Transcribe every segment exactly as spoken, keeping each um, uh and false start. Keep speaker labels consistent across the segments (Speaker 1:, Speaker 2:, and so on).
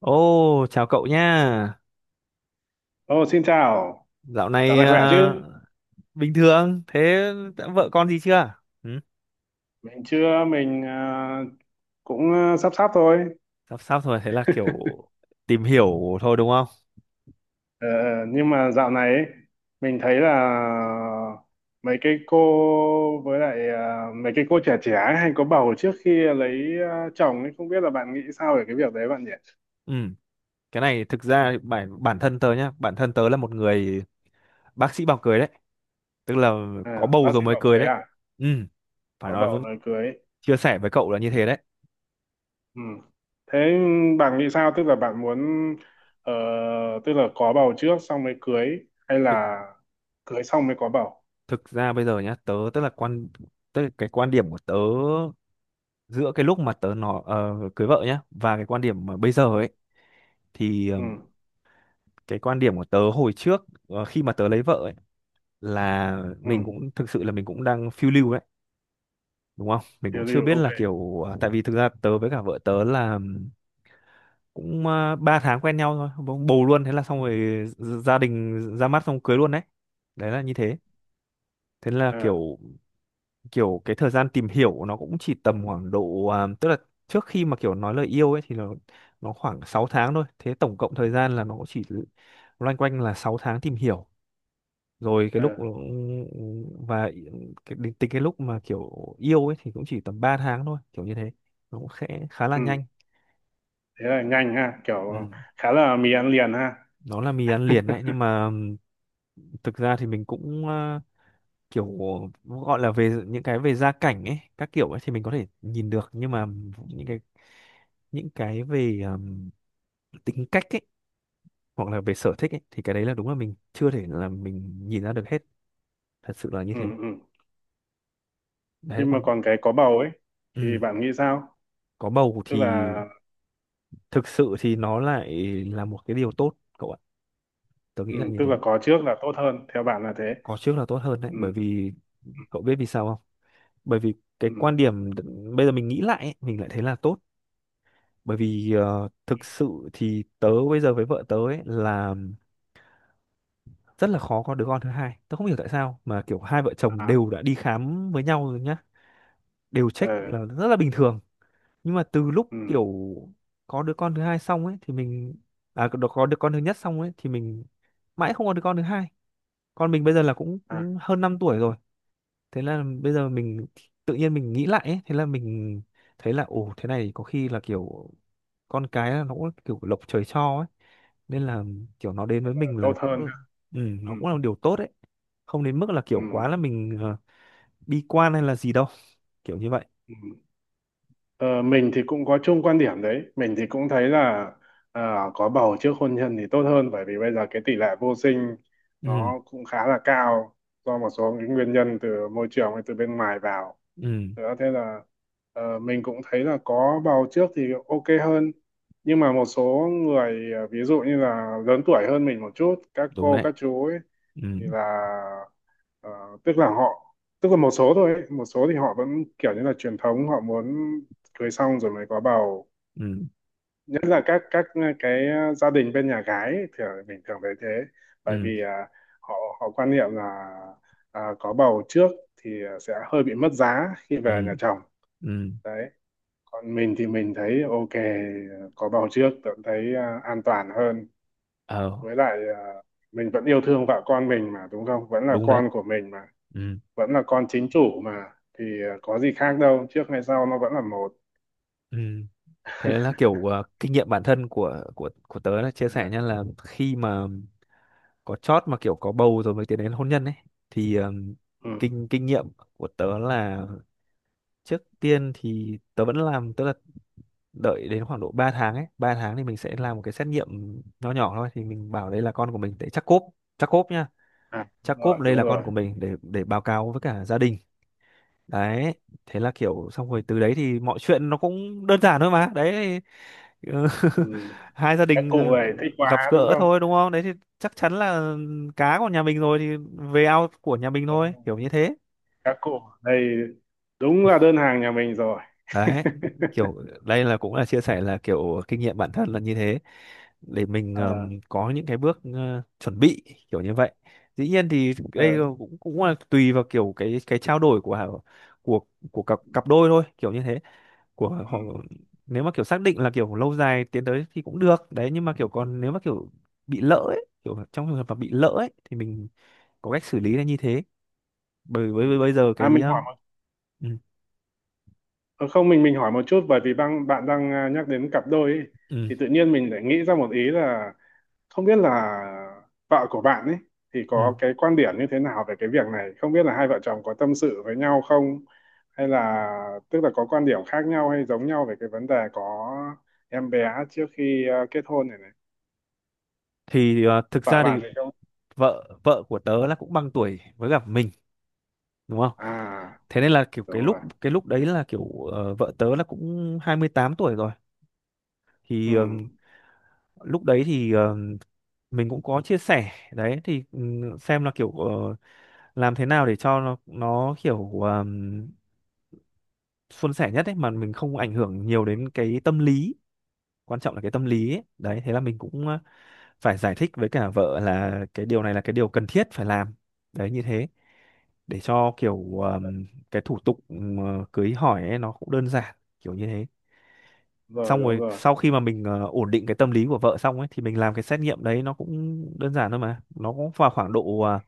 Speaker 1: Ô, chào cậu nha.
Speaker 2: Ô, xin chào,
Speaker 1: Dạo
Speaker 2: dạo
Speaker 1: này
Speaker 2: này khỏe chứ?
Speaker 1: ờ, bình thường. Thế đã vợ con gì chưa? Ừ,
Speaker 2: Mình chưa, mình à, cũng à, sắp sắp thôi.
Speaker 1: sắp sắp rồi, thế là kiểu tìm hiểu thôi đúng không?
Speaker 2: Ờ, nhưng mà dạo này ấy, mình thấy là mấy cái cô với lại à, mấy cái cô trẻ trẻ ấy hay có bầu trước khi lấy à, chồng ấy, không biết là bạn nghĩ sao về cái việc đấy bạn nhỉ?
Speaker 1: Ừ, cái này thực ra bản bản thân tớ nhá, bản thân tớ là một người bác sĩ bảo cười đấy, tức là có
Speaker 2: À,
Speaker 1: bầu
Speaker 2: bác
Speaker 1: rồi
Speaker 2: sĩ
Speaker 1: mới
Speaker 2: bảo
Speaker 1: cười
Speaker 2: cưới
Speaker 1: đấy.
Speaker 2: à?
Speaker 1: Ừ, phải
Speaker 2: Có
Speaker 1: nói
Speaker 2: bầu
Speaker 1: với,
Speaker 2: rồi cưới.
Speaker 1: chia sẻ với cậu là như thế đấy.
Speaker 2: Ừ. Thế bạn nghĩ sao? Tức là bạn muốn, ờ, tức là có bầu trước xong mới cưới hay
Speaker 1: Thực
Speaker 2: là cưới xong mới có bầu?
Speaker 1: thực ra bây giờ nhá, tớ tức là quan tức là cái quan điểm của tớ giữa cái lúc mà tớ nó ờ, cưới vợ nhá và cái quan điểm mà bây giờ
Speaker 2: Ừ.
Speaker 1: ấy thì ờ,
Speaker 2: Ừ.
Speaker 1: cái quan điểm của tớ hồi trước ờ, khi mà tớ lấy vợ ấy, là
Speaker 2: Ừ,
Speaker 1: mình cũng thực sự là mình cũng đang phiêu lưu đấy đúng không, mình cũng
Speaker 2: tiêu
Speaker 1: chưa
Speaker 2: diêu,
Speaker 1: biết
Speaker 2: ok.
Speaker 1: là kiểu à, tại vì thực ra tớ với cả vợ tớ là cũng uh, ba tháng quen nhau thôi bỗng bầu luôn, thế là xong rồi, gia đình ra mắt xong cưới luôn đấy. Đấy là như thế, thế là
Speaker 2: Ờ.
Speaker 1: kiểu kiểu cái thời gian tìm hiểu nó cũng chỉ tầm khoảng độ à, tức là trước khi mà kiểu nói lời yêu ấy thì nó nó khoảng sáu tháng thôi, thế tổng cộng thời gian là nó cũng chỉ loanh quanh là sáu tháng tìm hiểu, rồi cái
Speaker 2: Ờ.
Speaker 1: lúc và cái, đến tính cái lúc mà kiểu yêu ấy thì cũng chỉ tầm ba tháng thôi kiểu như thế, nó cũng khẽ khá là
Speaker 2: Ừ,
Speaker 1: nhanh.
Speaker 2: thế là nhanh ha,
Speaker 1: Ừ.
Speaker 2: kiểu khá là mì ăn liền ha.
Speaker 1: Nó là mì ăn liền đấy, nhưng mà thực ra thì mình cũng ờ, kiểu gọi là về những cái về gia cảnh ấy các kiểu ấy thì mình có thể nhìn được, nhưng mà những cái những cái về ừm, tính cách ấy hoặc là về sở thích ấy thì cái đấy là đúng là mình chưa thể là mình nhìn ra được hết, thật sự là như
Speaker 2: Ừ.
Speaker 1: thế.
Speaker 2: Ừ,
Speaker 1: Đấy
Speaker 2: nhưng mà
Speaker 1: còn
Speaker 2: còn cái có bầu ấy thì
Speaker 1: ừm,
Speaker 2: bạn nghĩ sao,
Speaker 1: có bầu
Speaker 2: tức
Speaker 1: thì
Speaker 2: là?
Speaker 1: thực sự thì nó lại là một cái điều tốt cậu ạ, tớ
Speaker 2: Ừ,
Speaker 1: nghĩ là như
Speaker 2: tức
Speaker 1: thế.
Speaker 2: là có trước là tốt hơn theo bạn là thế?
Speaker 1: Có trước là tốt hơn đấy,
Speaker 2: Ừ.
Speaker 1: bởi vì
Speaker 2: Ừ.
Speaker 1: cậu biết vì sao không? Bởi vì cái
Speaker 2: Ừ.
Speaker 1: quan điểm đ- bây giờ mình nghĩ lại ấy, mình lại thấy là tốt. Bởi vì ờ, thực sự thì tớ bây giờ với vợ tớ ấy là rất là khó có đứa con thứ hai, tớ không hiểu tại sao mà kiểu hai vợ chồng
Speaker 2: À.
Speaker 1: đều đã đi khám với nhau rồi nhá, đều check
Speaker 2: Ờ.
Speaker 1: là rất là bình thường, nhưng mà từ lúc
Speaker 2: Ừ.
Speaker 1: kiểu có đứa con thứ hai xong ấy thì mình à, có có đứa con thứ nhất xong ấy thì mình mãi không có đứa con thứ hai. Con mình bây giờ là cũng
Speaker 2: À,
Speaker 1: cũng hơn năm tuổi rồi, thế là bây giờ mình tự nhiên mình nghĩ lại ấy, thế là mình thấy là ồ thế này có khi là kiểu con cái là nó cũng kiểu lộc trời cho ấy, nên là kiểu nó đến với mình
Speaker 2: tốt
Speaker 1: là cũng
Speaker 2: hơn
Speaker 1: được.
Speaker 2: ha.
Speaker 1: Ừ,
Speaker 2: Ừ.
Speaker 1: nó cũng là một điều tốt đấy, không đến mức là kiểu
Speaker 2: Ừ.
Speaker 1: quá là mình ờ, bi quan hay là gì đâu, kiểu như vậy.
Speaker 2: Ừ. Ờ, mình thì cũng có chung quan điểm đấy, mình thì cũng thấy là ờ, có bầu trước hôn nhân thì tốt hơn, bởi vì bây giờ cái tỷ lệ vô sinh
Speaker 1: Ừ,
Speaker 2: nó cũng khá là cao, do một số những nguyên nhân từ môi trường hay từ bên ngoài vào
Speaker 1: ừ,
Speaker 2: nữa. Thế là ờ, mình cũng thấy là có bầu trước thì ok hơn. Nhưng mà một số người ờ, ví dụ như là lớn tuổi hơn mình một chút, các
Speaker 1: đúng
Speaker 2: cô
Speaker 1: đấy,
Speaker 2: các chú ấy,
Speaker 1: ừ,
Speaker 2: thì là ờ, tức là họ, tức là một số thôi ấy. Một số thì họ vẫn kiểu như là truyền thống, họ muốn cưới xong rồi mới có bầu,
Speaker 1: ừ,
Speaker 2: nhất là các các ờ, cái ờ, gia đình bên nhà gái ấy, thì mình thường thấy thế. Bởi
Speaker 1: ừ,
Speaker 2: vì à, họ họ quan niệm là à, có bầu trước thì sẽ hơi bị mất giá khi
Speaker 1: ừ,
Speaker 2: về nhà chồng.
Speaker 1: ừ,
Speaker 2: Đấy, còn mình thì mình thấy ok, có bầu trước vẫn thấy à, an toàn hơn.
Speaker 1: ờ,
Speaker 2: Với lại à, mình vẫn yêu thương vợ con mình mà, đúng không, vẫn là
Speaker 1: đúng đấy,
Speaker 2: con của mình mà,
Speaker 1: ừ,
Speaker 2: vẫn là con chính chủ mà. Thì ờ, có gì khác đâu, trước hay sau nó vẫn là một.
Speaker 1: ừ, thế là kiểu ờ, kinh nghiệm bản thân của của của tớ là chia sẻ
Speaker 2: À.
Speaker 1: nha, là khi mà có chót mà kiểu có bầu rồi mới tiến đến hôn nhân ấy thì ờm,
Speaker 2: Ừ.
Speaker 1: kinh kinh nghiệm của tớ là trước tiên thì tớ vẫn làm, tức là đợi đến khoảng độ ba tháng ấy, ba tháng thì mình sẽ làm một cái xét nghiệm nho nhỏ thôi, thì mình bảo đây là con của mình để chắc cốp, chắc cốp nha,
Speaker 2: À, đúng
Speaker 1: chắc
Speaker 2: rồi,
Speaker 1: cốp đây
Speaker 2: đúng
Speaker 1: là con
Speaker 2: rồi.
Speaker 1: của mình để để báo cáo với cả gia đình. Đấy, thế là kiểu xong rồi từ đấy thì mọi chuyện nó cũng đơn giản thôi mà, đấy thì, ừ,
Speaker 2: Ừ.
Speaker 1: hai gia
Speaker 2: Các
Speaker 1: đình
Speaker 2: cụ này thích
Speaker 1: ờ, gặp
Speaker 2: quá đúng
Speaker 1: gỡ
Speaker 2: không?
Speaker 1: thôi đúng không, đấy thì chắc chắn là cá của nhà mình rồi thì về ao của nhà mình
Speaker 2: Đúng
Speaker 1: thôi,
Speaker 2: rồi.
Speaker 1: kiểu như thế.
Speaker 2: Các cụ ở đây đúng là đơn hàng nhà mình rồi.
Speaker 1: Đấy, kiểu đây là cũng là chia sẻ là kiểu kinh nghiệm bản thân là như thế, để mình
Speaker 2: Ờ.
Speaker 1: ờm, có những cái bước ờ, chuẩn bị kiểu như vậy. Dĩ nhiên thì đây
Speaker 2: Ờ.
Speaker 1: cũng cũng là tùy vào kiểu cái cái trao đổi của của của cặp cặp đôi thôi kiểu như thế, của
Speaker 2: Ừ.
Speaker 1: họ. Nếu mà kiểu xác định là kiểu lâu dài tiến tới thì cũng được đấy, nhưng mà kiểu còn nếu mà kiểu bị lỡ ấy, kiểu trong trường hợp mà bị lỡ ấy thì mình có cách xử lý là như thế, bởi
Speaker 2: Ừ.
Speaker 1: với với bây giờ
Speaker 2: À,
Speaker 1: cái
Speaker 2: mình hỏi
Speaker 1: um,
Speaker 2: một,
Speaker 1: ừ,
Speaker 2: ờ, không, mình mình hỏi một chút, bởi vì bạn bạn đang à, nhắc đến cặp đôi ấy,
Speaker 1: ừ,
Speaker 2: thì tự nhiên mình lại nghĩ ra một ý là không biết là vợ của bạn ấy thì có
Speaker 1: ừ.
Speaker 2: cái quan điểm như thế nào về cái việc này, không biết là hai vợ chồng có tâm sự với nhau không, hay là tức là có quan điểm khác nhau hay giống nhau về cái vấn đề có em bé trước khi ờ, kết hôn này này?
Speaker 1: Thì ờ, thực
Speaker 2: Vợ
Speaker 1: ra thì
Speaker 2: bạn thì không?
Speaker 1: vợ vợ của tớ là cũng bằng tuổi với cả mình, đúng không,
Speaker 2: À,
Speaker 1: thế nên là kiểu
Speaker 2: đúng
Speaker 1: cái lúc
Speaker 2: rồi.
Speaker 1: cái lúc đấy là kiểu ờ, vợ tớ là cũng hai mươi tám tuổi rồi,
Speaker 2: Ừ.
Speaker 1: thì ờm, lúc đấy thì ờm, mình cũng có chia sẻ đấy, thì ừm, xem là kiểu ờ, làm thế nào để cho nó nó kiểu um, suôn sẻ nhất ấy, mà mình không ảnh hưởng nhiều
Speaker 2: Ừ,
Speaker 1: đến cái tâm lý, quan trọng là cái tâm lý ấy. Đấy, thế là mình cũng ờ, phải giải thích với cả vợ là cái điều này là cái điều cần thiết phải làm, đấy như thế, để cho kiểu um, cái thủ tục um, ờ, cưới hỏi ấy, nó cũng đơn giản kiểu như thế.
Speaker 2: rồi,
Speaker 1: Xong
Speaker 2: đúng
Speaker 1: rồi
Speaker 2: rồi,
Speaker 1: sau khi mà mình ờ, ổn định cái tâm lý của vợ xong ấy thì mình làm cái xét nghiệm đấy, nó cũng đơn giản thôi mà, nó cũng vào khoảng độ ờ,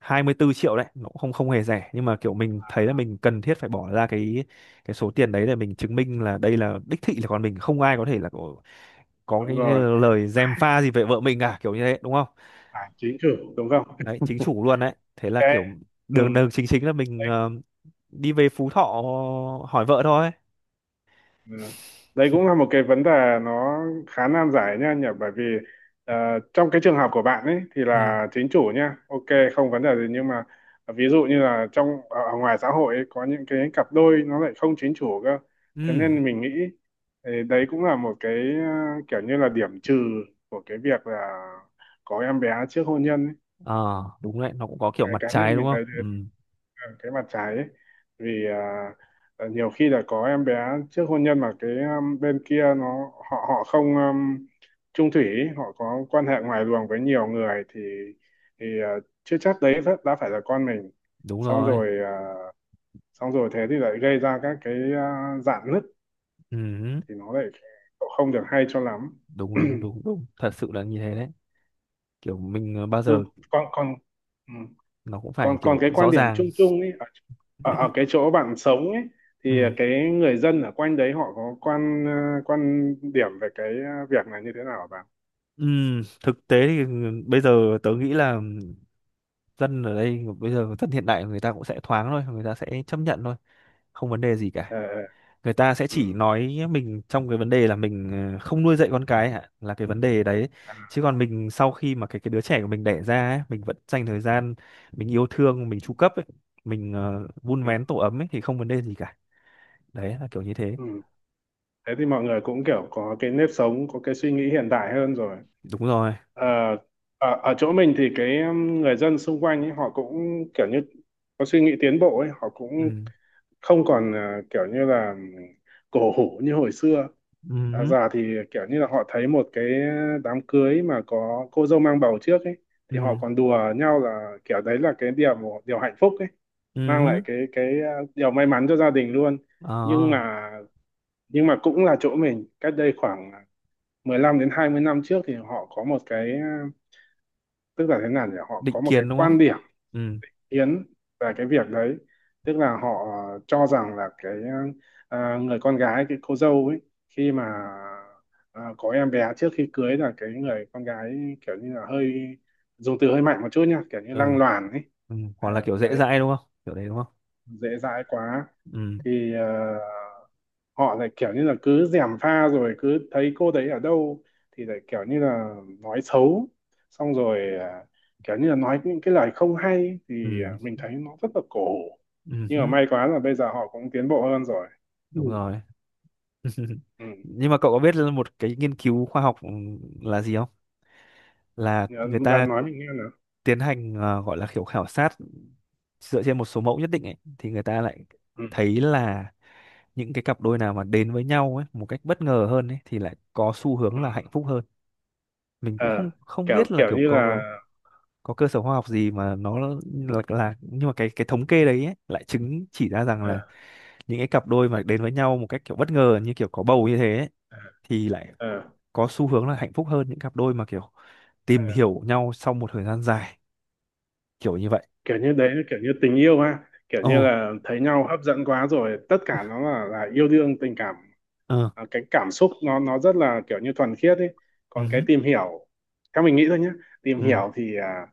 Speaker 1: hai mươi tư triệu đấy, nó cũng không, không hề rẻ, nhưng mà kiểu mình thấy là mình cần thiết phải bỏ ra cái cái số tiền đấy để mình chứng minh là đây là đích thị là con mình, không ai có thể là có, có
Speaker 2: đúng
Speaker 1: cái, cái
Speaker 2: rồi.
Speaker 1: lời gièm pha gì về vợ mình cả, kiểu như thế đúng không.
Speaker 2: À, chính chủ đúng không?
Speaker 1: Đấy, chính chủ luôn đấy, thế là
Speaker 2: Cái,
Speaker 1: kiểu
Speaker 2: ừ.
Speaker 1: đường đường chính chính là mình ờ, đi về Phú Thọ hỏi vợ thôi.
Speaker 2: Ừ. Đấy cũng là một cái vấn đề nó khá nan giải nha nhỉ, bởi vì ờ, trong cái trường hợp của bạn ấy thì
Speaker 1: Ừ,
Speaker 2: là chính chủ nha, ok, không vấn đề gì. Nhưng mà ví dụ như là trong ở ở ngoài xã hội ấy, có những cái cặp đôi nó lại không chính chủ cơ.
Speaker 1: ừ,
Speaker 2: Thế nên mình nghĩ thì đấy cũng là một cái ờ, kiểu như là điểm trừ của cái việc là có em bé trước hôn nhân ấy.
Speaker 1: à, đúng đấy, nó cũng có kiểu
Speaker 2: Cái
Speaker 1: mặt
Speaker 2: cá
Speaker 1: trái
Speaker 2: nhân
Speaker 1: đúng
Speaker 2: mình
Speaker 1: không.
Speaker 2: thấy
Speaker 1: Ừ,
Speaker 2: ờ, cái mặt trái ấy. Vì à, ờ, nhiều khi là có em bé trước hôn nhân mà cái um, bên kia nó, họ họ không um, chung thủy ý, họ có quan hệ ngoài luồng với nhiều người, thì thì ờ, chưa chắc đấy đã, đã phải là con mình.
Speaker 1: đúng
Speaker 2: Xong
Speaker 1: rồi,
Speaker 2: rồi ờ, xong rồi thế thì lại gây ra các cái ờ, rạn nứt,
Speaker 1: ừ,
Speaker 2: thì nó lại không được hay cho lắm.
Speaker 1: đúng đúng đúng đúng, thật sự là như thế đấy, kiểu mình ờ, bao
Speaker 2: Ừ,
Speaker 1: giờ
Speaker 2: còn còn ừ.
Speaker 1: nó cũng
Speaker 2: còn
Speaker 1: phải
Speaker 2: còn
Speaker 1: kiểu
Speaker 2: cái quan
Speaker 1: rõ
Speaker 2: điểm
Speaker 1: ràng.
Speaker 2: chung chung ấy ở, ở ở cái chỗ bạn sống ấy, thì
Speaker 1: Ừ.
Speaker 2: cái người dân ở quanh đấy họ có quan, ờ, quan điểm về cái ờ, việc này như thế nào hả bạn?
Speaker 1: Ừ. Thực tế thì ừ, bây giờ tớ nghĩ là dân ở đây bây giờ dân hiện đại, người ta cũng sẽ thoáng thôi, người ta sẽ chấp nhận thôi, không vấn đề gì
Speaker 2: Ờ.
Speaker 1: cả.
Speaker 2: Ờ.
Speaker 1: Người ta sẽ
Speaker 2: Ừ.
Speaker 1: chỉ nói mình trong cái vấn đề là mình ờ, không nuôi dạy con cái hả, là cái vấn đề đấy,
Speaker 2: À.
Speaker 1: chứ còn mình sau khi mà cái cái đứa trẻ của mình đẻ ra ấy, mình vẫn dành thời gian, mình yêu thương, mình chu cấp ấy, mình ờ, vun
Speaker 2: Ừ.
Speaker 1: vén tổ ấm ấy thì không vấn đề gì cả, đấy là kiểu như thế.
Speaker 2: Ừ. Thế thì mọi người cũng kiểu có cái nếp sống, có cái suy nghĩ hiện đại hơn rồi.
Speaker 1: Đúng rồi,
Speaker 2: Ờ, ở ở chỗ mình thì cái um, người dân xung quanh ấy họ cũng kiểu như có suy nghĩ tiến bộ ấy, họ cũng
Speaker 1: ừ,
Speaker 2: không còn ờ, kiểu như là cổ hủ như hồi xưa. À,
Speaker 1: ừ,
Speaker 2: già thì kiểu như là họ thấy một cái đám cưới mà có cô dâu mang bầu trước ấy, thì họ
Speaker 1: ừ,
Speaker 2: còn đùa nhau là kiểu đấy là cái điều điều hạnh phúc ấy, mang
Speaker 1: ừ,
Speaker 2: lại cái cái ờ, điều may mắn cho gia đình luôn. Nhưng
Speaker 1: ờ,
Speaker 2: mà, nhưng mà cũng là chỗ mình, cách đây khoảng mười lăm đến hai mươi năm trước thì họ có một cái ờ, tức là thế nào nhỉ, họ
Speaker 1: định
Speaker 2: có một cái
Speaker 1: kiến đúng không?
Speaker 2: quan điểm
Speaker 1: Ừ,
Speaker 2: yến về cái việc đấy. Tức là họ ờ, cho rằng là cái, à, người con gái, cái cô dâu ấy, khi mà à, có em bé trước khi cưới là cái người con gái kiểu như là hơi, dùng từ hơi mạnh một chút nha, kiểu như lăng
Speaker 1: ừ,
Speaker 2: loàn ấy.
Speaker 1: ừ. Hoặc là
Speaker 2: Ờ,
Speaker 1: kiểu dễ
Speaker 2: đấy,
Speaker 1: dãi đúng không? Kiểu đấy đúng không?
Speaker 2: dễ dãi quá.
Speaker 1: Ừ,
Speaker 2: Thì ờ, họ lại kiểu như là cứ gièm pha, rồi cứ thấy cô đấy ở đâu thì lại kiểu như là nói xấu, xong rồi à, kiểu như là nói những cái lời không hay, thì à,
Speaker 1: ừ,
Speaker 2: mình thấy nó rất là cổ hủ.
Speaker 1: ừ,
Speaker 2: Nhưng mà
Speaker 1: hứ,
Speaker 2: may quá là bây giờ họ cũng tiến bộ hơn rồi.
Speaker 1: đúng
Speaker 2: Ừ.
Speaker 1: rồi.
Speaker 2: Ừ.
Speaker 1: Nhưng mà cậu có biết là một cái nghiên cứu khoa học ừ, là gì không? Là
Speaker 2: Nhớ-
Speaker 1: người ta
Speaker 2: bạn nói mình nghe nào.
Speaker 1: tiến hành ờ, gọi là kiểu khảo sát dựa trên một số mẫu nhất định ấy, thì người ta lại
Speaker 2: Ừ.
Speaker 1: thấy là những cái cặp đôi nào mà đến với nhau ấy một cách bất ngờ hơn ấy thì lại có xu hướng
Speaker 2: Ừ.
Speaker 1: là hạnh phúc hơn. Mình
Speaker 2: Ờ,
Speaker 1: cũng không không
Speaker 2: kiểu
Speaker 1: biết là
Speaker 2: kiểu
Speaker 1: kiểu
Speaker 2: như là.
Speaker 1: có có cơ sở khoa học gì mà nó là, là nhưng mà cái cái thống kê đấy ấy, lại chứng chỉ ra rằng là
Speaker 2: Ờ.
Speaker 1: những cái cặp đôi mà đến với nhau một cách kiểu bất ngờ như kiểu có bầu như thế ấy,
Speaker 2: Ờ.
Speaker 1: thì lại
Speaker 2: Ờ.
Speaker 1: có xu hướng là hạnh phúc hơn những cặp đôi mà kiểu
Speaker 2: Ờ.
Speaker 1: tìm hiểu nhau sau một thời gian dài kiểu như vậy.
Speaker 2: Kiểu như đấy là kiểu như tình yêu ha, kiểu
Speaker 1: Ồ,
Speaker 2: như là thấy nhau hấp dẫn quá rồi, tất cả nó là là yêu đương tình cảm.
Speaker 1: ờ,
Speaker 2: À, cái cảm xúc nó nó rất là kiểu như thuần khiết ấy. Còn cái
Speaker 1: ừ,
Speaker 2: tìm hiểu, theo mình nghĩ thôi nhé, tìm
Speaker 1: ừ,
Speaker 2: hiểu thì à,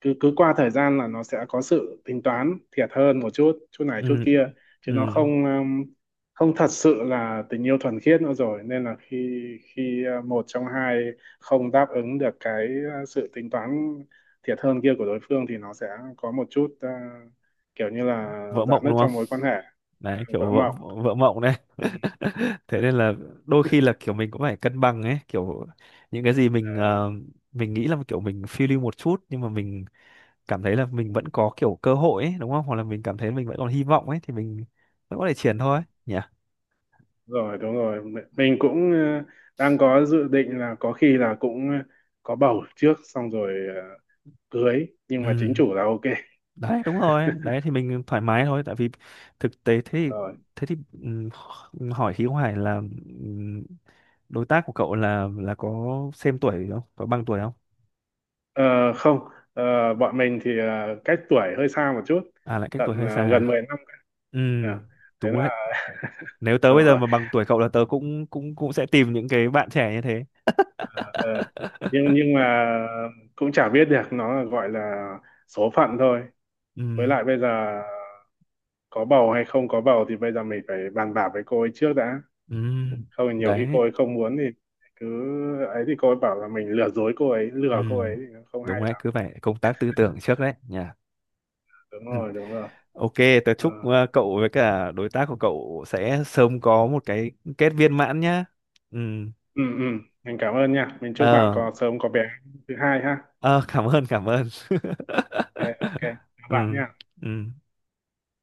Speaker 2: cứ cứ qua thời gian là nó sẽ có sự tính toán thiệt hơn một chút, chút này chút
Speaker 1: ừ,
Speaker 2: kia, chứ
Speaker 1: ừ,
Speaker 2: nó không um, không thật sự là tình yêu thuần khiết nữa rồi. Nên là khi, khi uh, một trong hai không đáp ứng được cái uh, sự tính toán thiệt hơn kia của đối phương, thì nó sẽ có một chút uh, kiểu như là
Speaker 1: vỡ
Speaker 2: rạn
Speaker 1: mộng
Speaker 2: nứt
Speaker 1: đúng không,
Speaker 2: trong mối quan hệ.
Speaker 1: đấy
Speaker 2: Vỡ
Speaker 1: kiểu vỡ
Speaker 2: mộng.
Speaker 1: vỡ mộng đấy.
Speaker 2: Ừ.
Speaker 1: Thế
Speaker 2: Ờ.
Speaker 1: nên là đôi khi là kiểu mình cũng phải cân bằng ấy, kiểu những cái gì mình
Speaker 2: Ờ,
Speaker 1: ờ, mình nghĩ là kiểu mình phiêu lưu một chút, nhưng mà mình cảm thấy là mình vẫn có kiểu cơ hội ấy, đúng không? Hoặc là mình cảm thấy mình vẫn còn hy vọng ấy thì mình vẫn có thể triển thôi nhỉ.
Speaker 2: rồi, đúng rồi, mi- mình cũng uh, đang có dự định là có khi là cũng ờ, có bầu trước xong rồi ờ, cưới, nhưng mà chính
Speaker 1: Ừ,
Speaker 2: chủ là ok.
Speaker 1: đấy đúng rồi, đấy thì mình thoải mái thôi, tại vì thực tế thế thì
Speaker 2: Rồi.
Speaker 1: thế thì ừm, hỏi khí hoài là ừm, đối tác của cậu là là có xem tuổi không? Có bằng tuổi không?
Speaker 2: Ờ, không, ờ, bọn mình thì ờ, cách tuổi hơi xa một chút.
Speaker 1: À, lại cách
Speaker 2: Tận
Speaker 1: tuổi hơi xa
Speaker 2: ờ,
Speaker 1: à?
Speaker 2: gần mười năm.
Speaker 1: Ừ,
Speaker 2: Ờ, thế
Speaker 1: đúng đấy.
Speaker 2: là.
Speaker 1: Nếu tớ
Speaker 2: Đúng
Speaker 1: bây giờ
Speaker 2: rồi.
Speaker 1: mà bằng tuổi cậu là tớ cũng cũng cũng sẽ tìm những cái bạn trẻ như thế.
Speaker 2: Ờ, nhưng nhưng mà cũng chả biết được, nó là gọi là số phận thôi. Với
Speaker 1: Ừ,
Speaker 2: lại bây giờ có bầu hay không có bầu thì bây giờ mình phải bàn bạc với cô ấy trước đã,
Speaker 1: ừ,
Speaker 2: không thì nhiều khi
Speaker 1: đấy.
Speaker 2: cô ấy không muốn thì cứ ấy, thì cô ấy bảo là mình lừa dối cô ấy,
Speaker 1: Ừ,
Speaker 2: lừa cô ấy thì nó không hay
Speaker 1: đúng đấy,
Speaker 2: lắm.
Speaker 1: cứ phải công tác tư tưởng trước đấy nhỉ.
Speaker 2: Đúng
Speaker 1: Ừ.
Speaker 2: rồi, đúng rồi.
Speaker 1: Ok, tớ
Speaker 2: Ờ.
Speaker 1: chúc ờ, cậu với cả đối tác của cậu sẽ sớm có một cái kết viên mãn nhá. Ừ.
Speaker 2: Ừ, ừ, mình cảm ơn nha, mình chúc bạn
Speaker 1: Ờ,
Speaker 2: có sớm có bé thứ hai ha.
Speaker 1: ờ, cảm ơn, cảm ơn.
Speaker 2: Ok, ok, chào
Speaker 1: Ừ.
Speaker 2: bạn nha.
Speaker 1: Ừ.